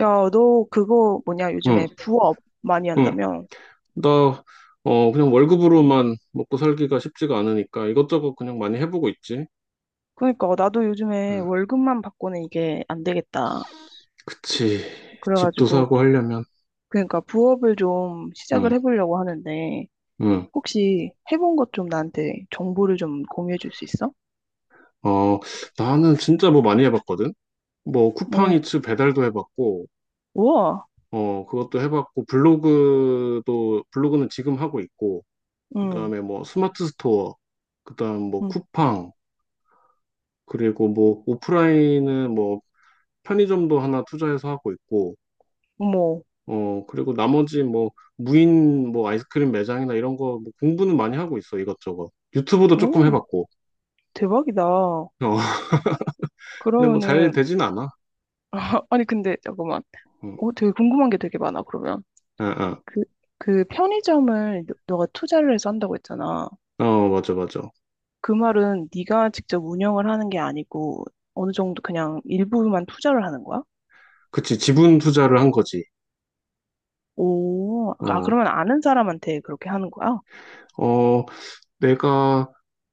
야, 너 그거 뭐냐, 응, 요즘에 부업 많이 응. 한다며? 나, 그냥 월급으로만 먹고 살기가 쉽지가 않으니까 이것저것 그냥 많이 해보고 있지. 그러니까, 나도 요즘에 응, 월급만 받고는 이게 안 되겠다. 그치. 집도 그래가지고, 사고 하려면. 그러니까 부업을 좀 시작을 응, 해보려고 하는데, 응. 혹시 해본 것 좀 나한테 정보를 좀 공유해 줄 수 있어? 어, 나는 진짜 뭐 많이 해봤거든? 뭐 오, 쿠팡이츠 배달도 해봤고, 우와, 그것도 해봤고, 블로그는 지금 하고 있고, 그 응, 다음에 뭐 스마트 스토어, 그 다음 뭐 응, 쿠팡, 그리고 뭐 오프라인은 뭐 편의점도 하나 투자해서 하고 있고, 어머, 그리고 나머지 뭐 무인 뭐 아이스크림 매장이나 이런 거뭐 공부는 많이 하고 있어, 이것저것. 유튜브도 조금 오, 해봤고. 대박이다. 어, 근데 뭐 잘 그러면은, 되진 않아. 아, 아니, 근데 잠깐만. 응. 오, 되게 궁금한 게 되게 많아, 그러면. 아, 아. 그, 그 편의점을 너가 투자를 해서 한다고 했잖아. 어, 맞아, 맞아. 그 말은 네가 직접 운영을 하는 게 아니고 어느 정도 그냥 일부만 투자를 하는 거야? 그치, 지분 투자를 한 거지. 오, 아, 어, 그러면 아는 사람한테 그렇게 하는 거야? 어, 내가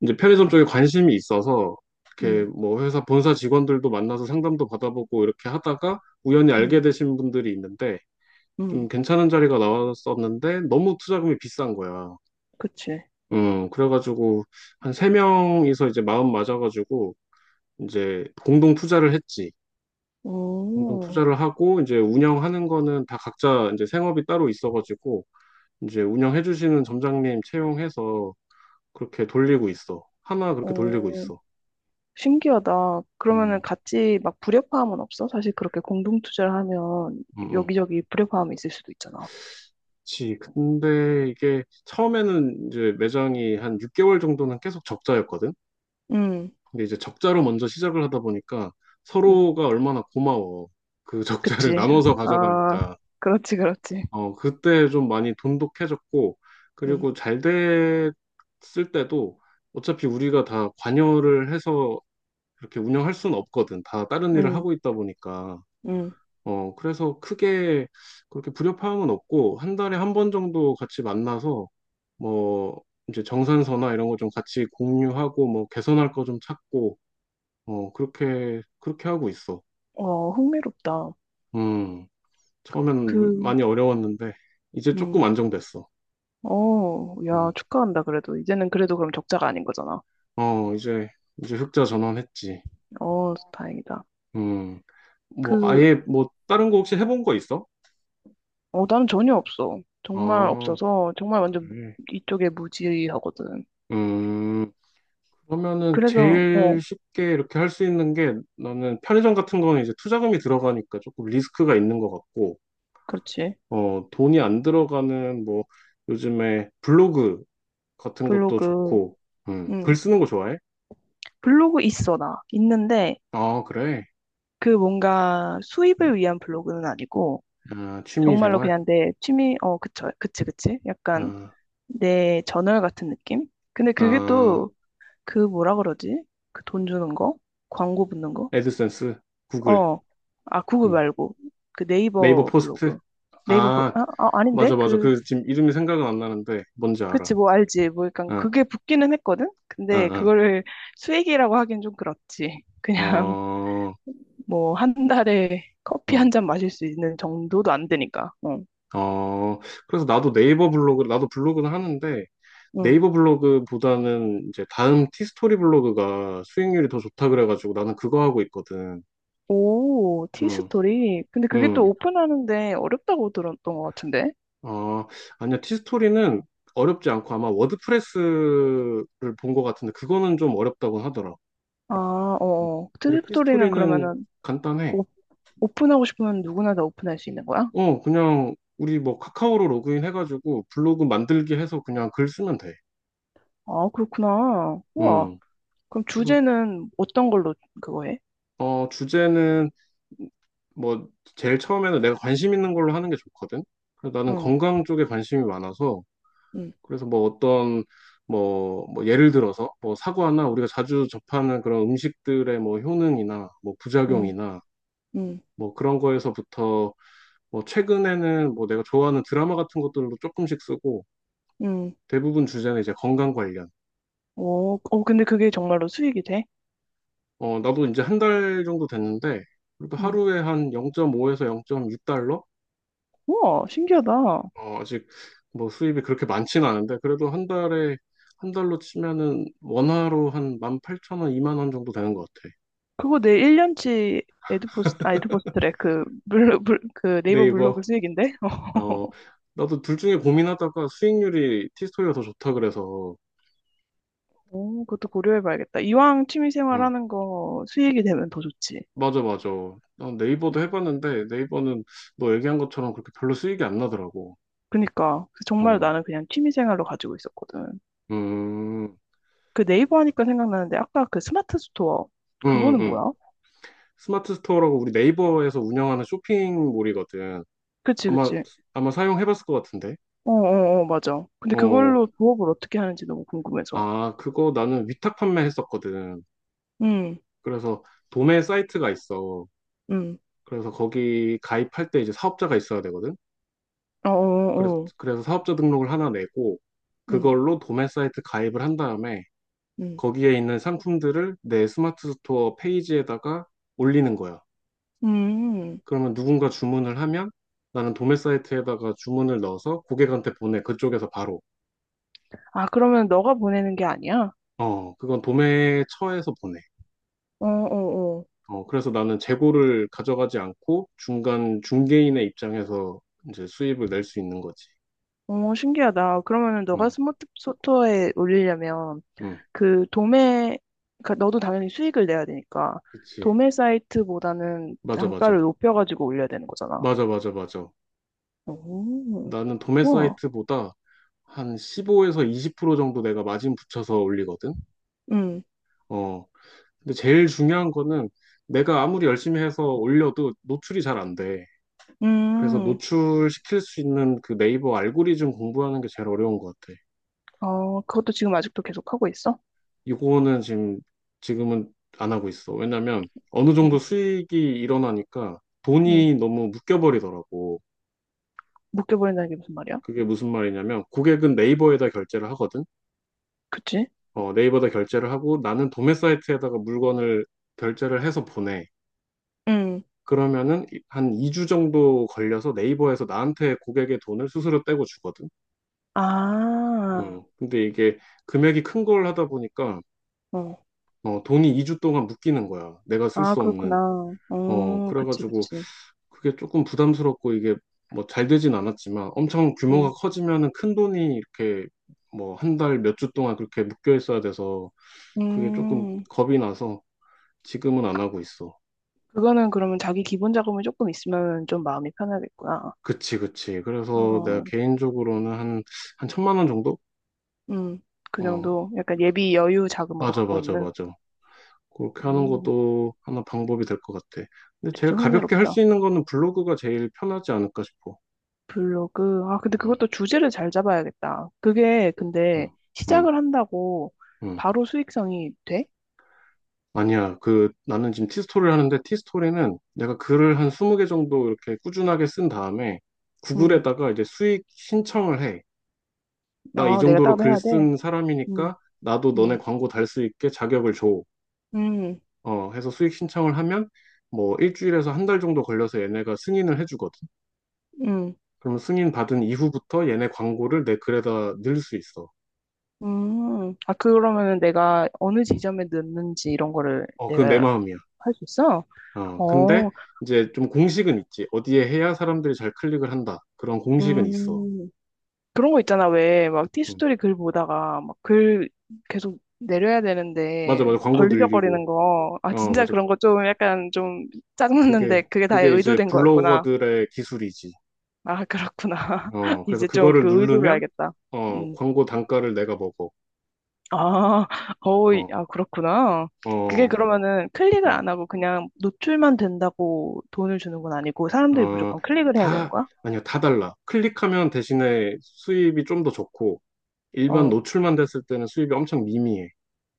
이제 편의점 쪽에 관심이 있어서 이렇게 음, 뭐 회사 본사 직원들도 만나서 상담도 받아보고 이렇게 하다가 우연히 알게 음, 되신 분들이 있는데 좀 음, 괜찮은 자리가 나왔었는데 너무 투자금이 비싼 거야. 그치. 그래가지고, 한 세 명이서 이제 마음 맞아가지고, 이제 공동 투자를 했지. 공동 오, 투자를 하고, 이제 운영하는 거는 다 각자 이제 생업이 따로 있어가지고, 이제 운영해주시는 점장님 채용해서 그렇게 돌리고 있어. 하나 그렇게 돌리고 오, 있어. 신기하다. 그러면은 음, 같이 막 불협화음은 없어? 사실 그렇게 공동 투자를 하면 음, 음. 여기저기 불협화음이 있을 수도 있잖아. 그치. 근데 이게 처음에는 이제 매장이 한 6개월 정도는 계속 적자였거든? 음, 근데 이제 적자로 먼저 시작을 하다 보니까 음, 서로가 얼마나 고마워. 그 적자를 그치. 나눠서 아, 가져가니까. 그렇지, 그렇지. 그때 좀 많이 돈독해졌고, 음, 그리고 잘 됐을 때도 어차피 우리가 다 관여를 해서 이렇게 운영할 수는 없거든. 다 다른 일을 음, 하고 있다 보니까. 음. 그래서 크게 그렇게 불협화음은 없고, 한 달에 한 번 정도 같이 만나서, 뭐, 이제 정산서나 이런 거 좀 같이 공유하고, 뭐, 개선할 거 좀 찾고, 그렇게 하고 있어. 어, 흥미롭다. 음, 처음엔 그, 많이 어려웠는데, 이제 조금 음. 안정됐어. 어, 야, 음. 축하한다, 그래도. 이제는 그래도 그럼 적자가 아닌 거잖아. 어, 이제, 이제 흑자 전환했지. 어, 다행이다. 음, 뭐, 그, 아예, 뭐, 다른 거 혹시 해본 거 있어? 어, 나는 전혀 없어. 정말 아, 없어서, 정말 완전 그래. 이쪽에 무지하거든. 음, 그러면은 그래서, 어, 제일 쉽게 이렇게 할 수 있는 게 나는 편의점 같은 거는 이제 투자금이 들어가니까 조금 리스크가 있는 것 같고, 그렇지. 돈이 안 들어가는 뭐, 요즘에 블로그 같은 것도 블로그, 좋고, 글 음 쓰는 거 좋아해? 블로그 있어, 나. 있는데, 아, 그래. 그 뭔가 수입을 위한 블로그는 아니고, 아, 취미 정말로 생활? 그냥 내 취미, 어, 그쵸, 그치, 그치. 약간 아, 내 저널 같은 느낌? 근데 그게 아, 또, 그 뭐라 그러지? 그 돈 주는 거? 광고 붙는 거? 애드센스, 구글, 어, 아, 구글 음, 말고. 그 네이버 네이버 포스트? 블로그. 아, 아, 아, 아닌데? 맞아, 맞아. 그, 그 지금 이름이 생각은 안 나는데 뭔지 알아. 그치, 뭐, 알지. 뭐, 약간, 응, 그게 붙기는 했거든? 근데, 응, 그거를 수익이라고 하긴 좀 그렇지. 응. 그냥, 어, 뭐, 한 달에 커피 응. 한 잔 마실 수 있는 정도도 안 되니까. 어 어, 그래서 나도 블로그는 하는데 응. 네이버 블로그보다는 이제 다음 티스토리 블로그가 수익률이 더 좋다 그래가지고 나는 그거 하고 있거든. 오, 응, 티스토리. 근데 그게 또 응. 오픈하는데 어렵다고 들었던 것 같은데? 어, 아니야. 티스토리는 어렵지 않고 아마 워드프레스를 본 것 같은데 그거는 좀 어렵다고 하더라. 아, 어, 응. 어. 근데 티스토리는 티스토리는 그러면은, 간단해. 오- 오픈하고 싶으면 누구나 다 오픈할 수 있는 거야? 어, 그냥 우리 뭐 카카오로 로그인 해가지고 블로그 만들기 해서 그냥 글 쓰면 돼. 아, 그렇구나. 우와. 음. 그럼 그래서 주제는 어떤 걸로 그거 해? 주제는 뭐 제일 처음에는 내가 관심 있는 걸로 하는 게 좋거든. 그래서 나는 응, 건강 쪽에 관심이 많아서 응, 그래서 뭐 어떤 뭐, 뭐 예를 들어서 뭐 사과나 우리가 자주 접하는 그런 음식들의 뭐 효능이나 뭐 응, 부작용이나 응, 뭐 그런 거에서부터 뭐 최근에는 뭐 내가 좋아하는 드라마 같은 것들도 조금씩 쓰고 응. 대부분 주제는 이제 건강 관련. 오, 어, 근데 그게 정말로 수익이 돼? 나도 이제 한 달 정도 됐는데, 그래도 응. 하루에 한 0.5에서 0.6달러? 우와, 신기하다. 아직 뭐 수입이 그렇게 많지는 않은데, 그래도 한 달에, 한 달로 치면은 원화로 한 18,000원, 2만 원 이만 원 정도 되는 것 같아. 그거 내 1년치 에드포스트래. 그, 그 네이버 블로그 네이버. 수익인데? 어, 나도 둘 중에 고민하다가 수익률이 티스토리가 더 좋다 그래서, 오, 그것도 고려해봐야겠다. 이왕 취미생활 응. 하는 거 수익이 되면 더 좋지. 맞아, 맞아. 나 네이버도 해봤는데, 네이버는 너 얘기한 것처럼 그렇게 별로 수익이 안 나더라고. 그니까. 그래서 정말 응. 나는 그냥 취미생활로 가지고 있었거든. 음, 그 네이버 하니까 생각나는데, 아까 그 스마트 스토어. 음, 그거는 음. 뭐야? 스마트 스토어라고 우리 네이버에서 운영하는 쇼핑몰이거든. 그치, 아마, 그치. 아마 사용해봤을 것 같은데. 어, 어, 어, 맞아. 근데 어, 그걸로 부업을 어떻게 하는지 너무 궁금해서. 아, 그거 나는 위탁 판매했었거든. 응 그래서 도매 사이트가 있어. 응 그래서 거기 가입할 때 이제 사업자가 있어야 되거든. 어, 그래서, 어, 어, 그래서 사업자 등록을 하나 내고, 응, 그걸로 도매 사이트 가입을 한 다음에 응. 거기에 있는 상품들을 내 스마트 스토어 페이지에다가 올리는 거야. 음. 그러면 누군가 주문을 하면 나는 도매 사이트에다가 주문을 넣어서 고객한테 보내. 그쪽에서 바로. 아, 그러면 너가 보내는 게 아니야? 어, 그건 도매처에서 보내. 어, 어, 어. 그래서 나는 재고를 가져가지 않고 중간 중개인의 입장에서 이제 수입을 낼 수 있는 거지. 어, 신기하다. 그러면은 너가 응, 스마트 스토어에 올리려면 응, 그 도매, 그러니까 너도 당연히 수익을 내야 되니까 그치. 도매 사이트보다는 맞아, 단가를 맞아. 높여가지고 올려야 되는 거잖아. 맞아, 맞아, 맞아. 오, 나는 도매 우와. 사이트보다 한 15에서 20% 정도 내가 마진 붙여서 올리거든. 응, 어, 근데 제일 중요한 거는 내가 아무리 열심히 해서 올려도 노출이 잘 안 돼. 그래서 음, 노출시킬 수 있는 그 네이버 알고리즘 공부하는 게 제일 어려운 것 같아. 어, 그것도 지금 아직도 계속 하고 있어? 이거는 지금은 안 하고 있어. 왜냐면 어느 정도 응, 수익이 일어나니까 응. 돈이 너무 묶여버리더라고. 묶여버린다는 게 무슨 말이야? 그게 무슨 말이냐면 고객은 네이버에다 결제를 하거든. 그치? 네이버에다 결제를 하고 나는 도매 사이트에다가 물건을 결제를 해서 보내. 응, 그러면은 이- 한 2주 정도 걸려서 네이버에서 나한테 고객의 돈을 수수료 떼고 주거든. 아, 근데 이게 금액이 큰 걸 하다 보니까 어. 돈이 2주 동안 묶이는 거야. 내가 쓸 아, 수 없는. 그렇구나. 그치, 그래가지고 그치. 그게 조금 부담스럽고 이게 뭐 잘 되진 않았지만 엄청 규모가 음. 커지면은 큰 돈이 이렇게 뭐 한 달 몇 주 동안 그렇게 묶여 있어야 돼서 그게 조금 음, 겁이 나서 지금은 안 하고 있어. 그거는 그러면 자기 기본 자금이 조금 있으면 좀 마음이 편하겠구나. 그치, 그치. 그래서 내가 어, 개인적으로는 한, 1,000만 원 정도? 음, 그 어, 정도 약간 예비 여유 자금으로 맞아, 갖고 맞아, 있는. 맞아. 그렇게 하는 음, 것도 하나 방법이 될 것 같아. 근데 진짜 제일 가볍게 할 흥미롭다. 수 있는 거는 블로그가 제일 편하지 않을까 싶어. 블로그. 아, 근데 응, 그것도 주제를 잘 잡아야겠다. 그게 근데 응, 응, 시작을 한다고 응. 바로 수익성이 돼? 아니야. 그 나는 지금 티스토리를 하는데 티스토리는 내가 글을 한 20개 정도 이렇게 꾸준하게 쓴 다음에 음, 구글에다가 이제 수익 신청을 해. 나 이 아, 내가 정도로 따로 글 해야 돼? 쓴 음. 사람이니까 나도 너네 음, 광고 달 수 있게 자격을 줘. 음. 해서 수익 신청을 하면 뭐 일주일에서 한 달 정도 걸려서 얘네가 승인을 해주거든. 음, 그러면 승인 받은 이후부터 얘네 광고를 내 글에다 넣을 수 있어. 아, 그러면은 내가 어느 음. 지점에 넣는지 이런 거를 그건 내 내가 마음이야. 할 수 있어? 근데 어, 이제 좀 공식은 있지. 어디에 해야 사람들이 잘 클릭을 한다. 그런 공식은 있어. 음, 그런 거 있잖아. 왜, 막, 음. 티스토리 글 보다가, 막, 글 계속 내려야 맞아, 되는데, 맞아. 막 광고 늘리고. 걸리적거리는 거. 아, 어, 진짜 맞아. 그런 거 좀 약간 좀 짜증났는데, 그게, 그게 다 그게 이제 의도된 거였구나. 블로거들의 기술이지. 아, 그렇구나. 그래서 이제 좀 그거를 그 의도를 누르면, 알겠다. 음. 광고 단가를 내가 먹어. 아, 어이, 어, 아, 그렇구나. 그게 어, 그러면은 클릭을 어, 안 하고 그냥 노출만 된다고 돈을 주는 건 아니고 사람들이 어, 무조건 클릭을 해야 되는 다, 거야? 아니요, 다 달라. 클릭하면 대신에 수입이 좀 더 좋고, 일반 어. 노출만 됐을 때는 수입이 엄청 미미해.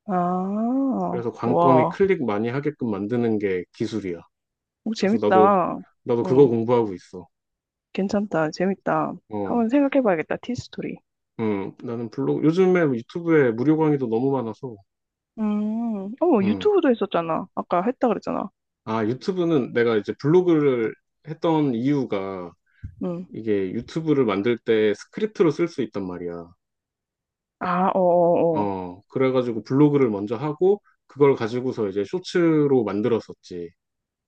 아, 그래서 관건이 와. 클릭 많이 하게끔 만드는 게 기술이야. 오, 그래서 나도, 재밌다. 나도 그거 응, 공부하고 있어. 괜찮다. 재밌다. 어, 한번 생각해 봐야겠다. 티스토리. 나는 블로그, 요즘에 유튜브에 무료 강의도 너무 많아서, 어머, 응. 유튜브도 했었잖아. 아까 했다 그랬잖아. 아, 유튜브는 내가 이제 블로그를 했던 이유가 응. 이게 유튜브를 만들 때 스크립트로 쓸 수 있단 말이야. 아, 어어어. 그래가지고 블로그를 먼저 하고 그걸 가지고서 이제 쇼츠로 만들었었지.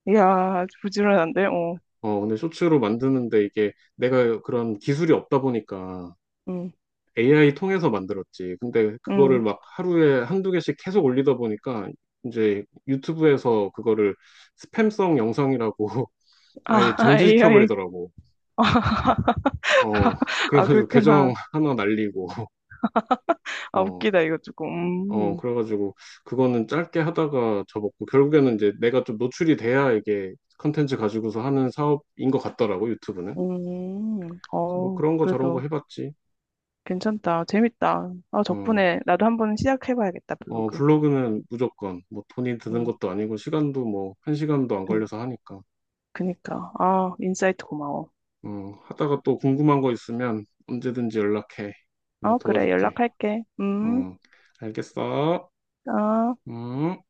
이야, 부지런한데? 어. 근데 쇼츠로 만드는데 이게 내가 그런 기술이 없다 보니까 응, AI 통해서 만들었지. 근데 그거를 응. 막 하루에 한두 개씩 계속 올리다 보니까 이제 유튜브에서 그거를 스팸성 영상이라고 아예 아, AI. 정지시켜버리더라고. 어, 아, 그래가지고 그렇구나. 계정 하나 날리고, 아, 어, 웃기다, 이거 조금. 그래가지고 그거는 짧게 하다가 접었고, 결국에는 이제 내가 좀 노출이 돼야 이게 컨텐츠 가지고서 하는 사업인 것 같더라고, 유튜브는. 뭐 어, 그런 거 저런 거 그래도 해봤지. 괜찮다. 재밌다. 아, 어, 덕분에 나도 한번 시작해봐야겠다, 블로그. 블로그는 무조건 뭐 돈이 드는 음, 것도 아니고 시간도 뭐 한 시간도 안 그, 걸려서 하니까. 그니까. 아, 인사이트 고마워. 하다가 또 궁금한 거 있으면 언제든지 연락해. 내가 어, 그래, 도와줄게. 연락할게. 음, 알겠어. 아. 음.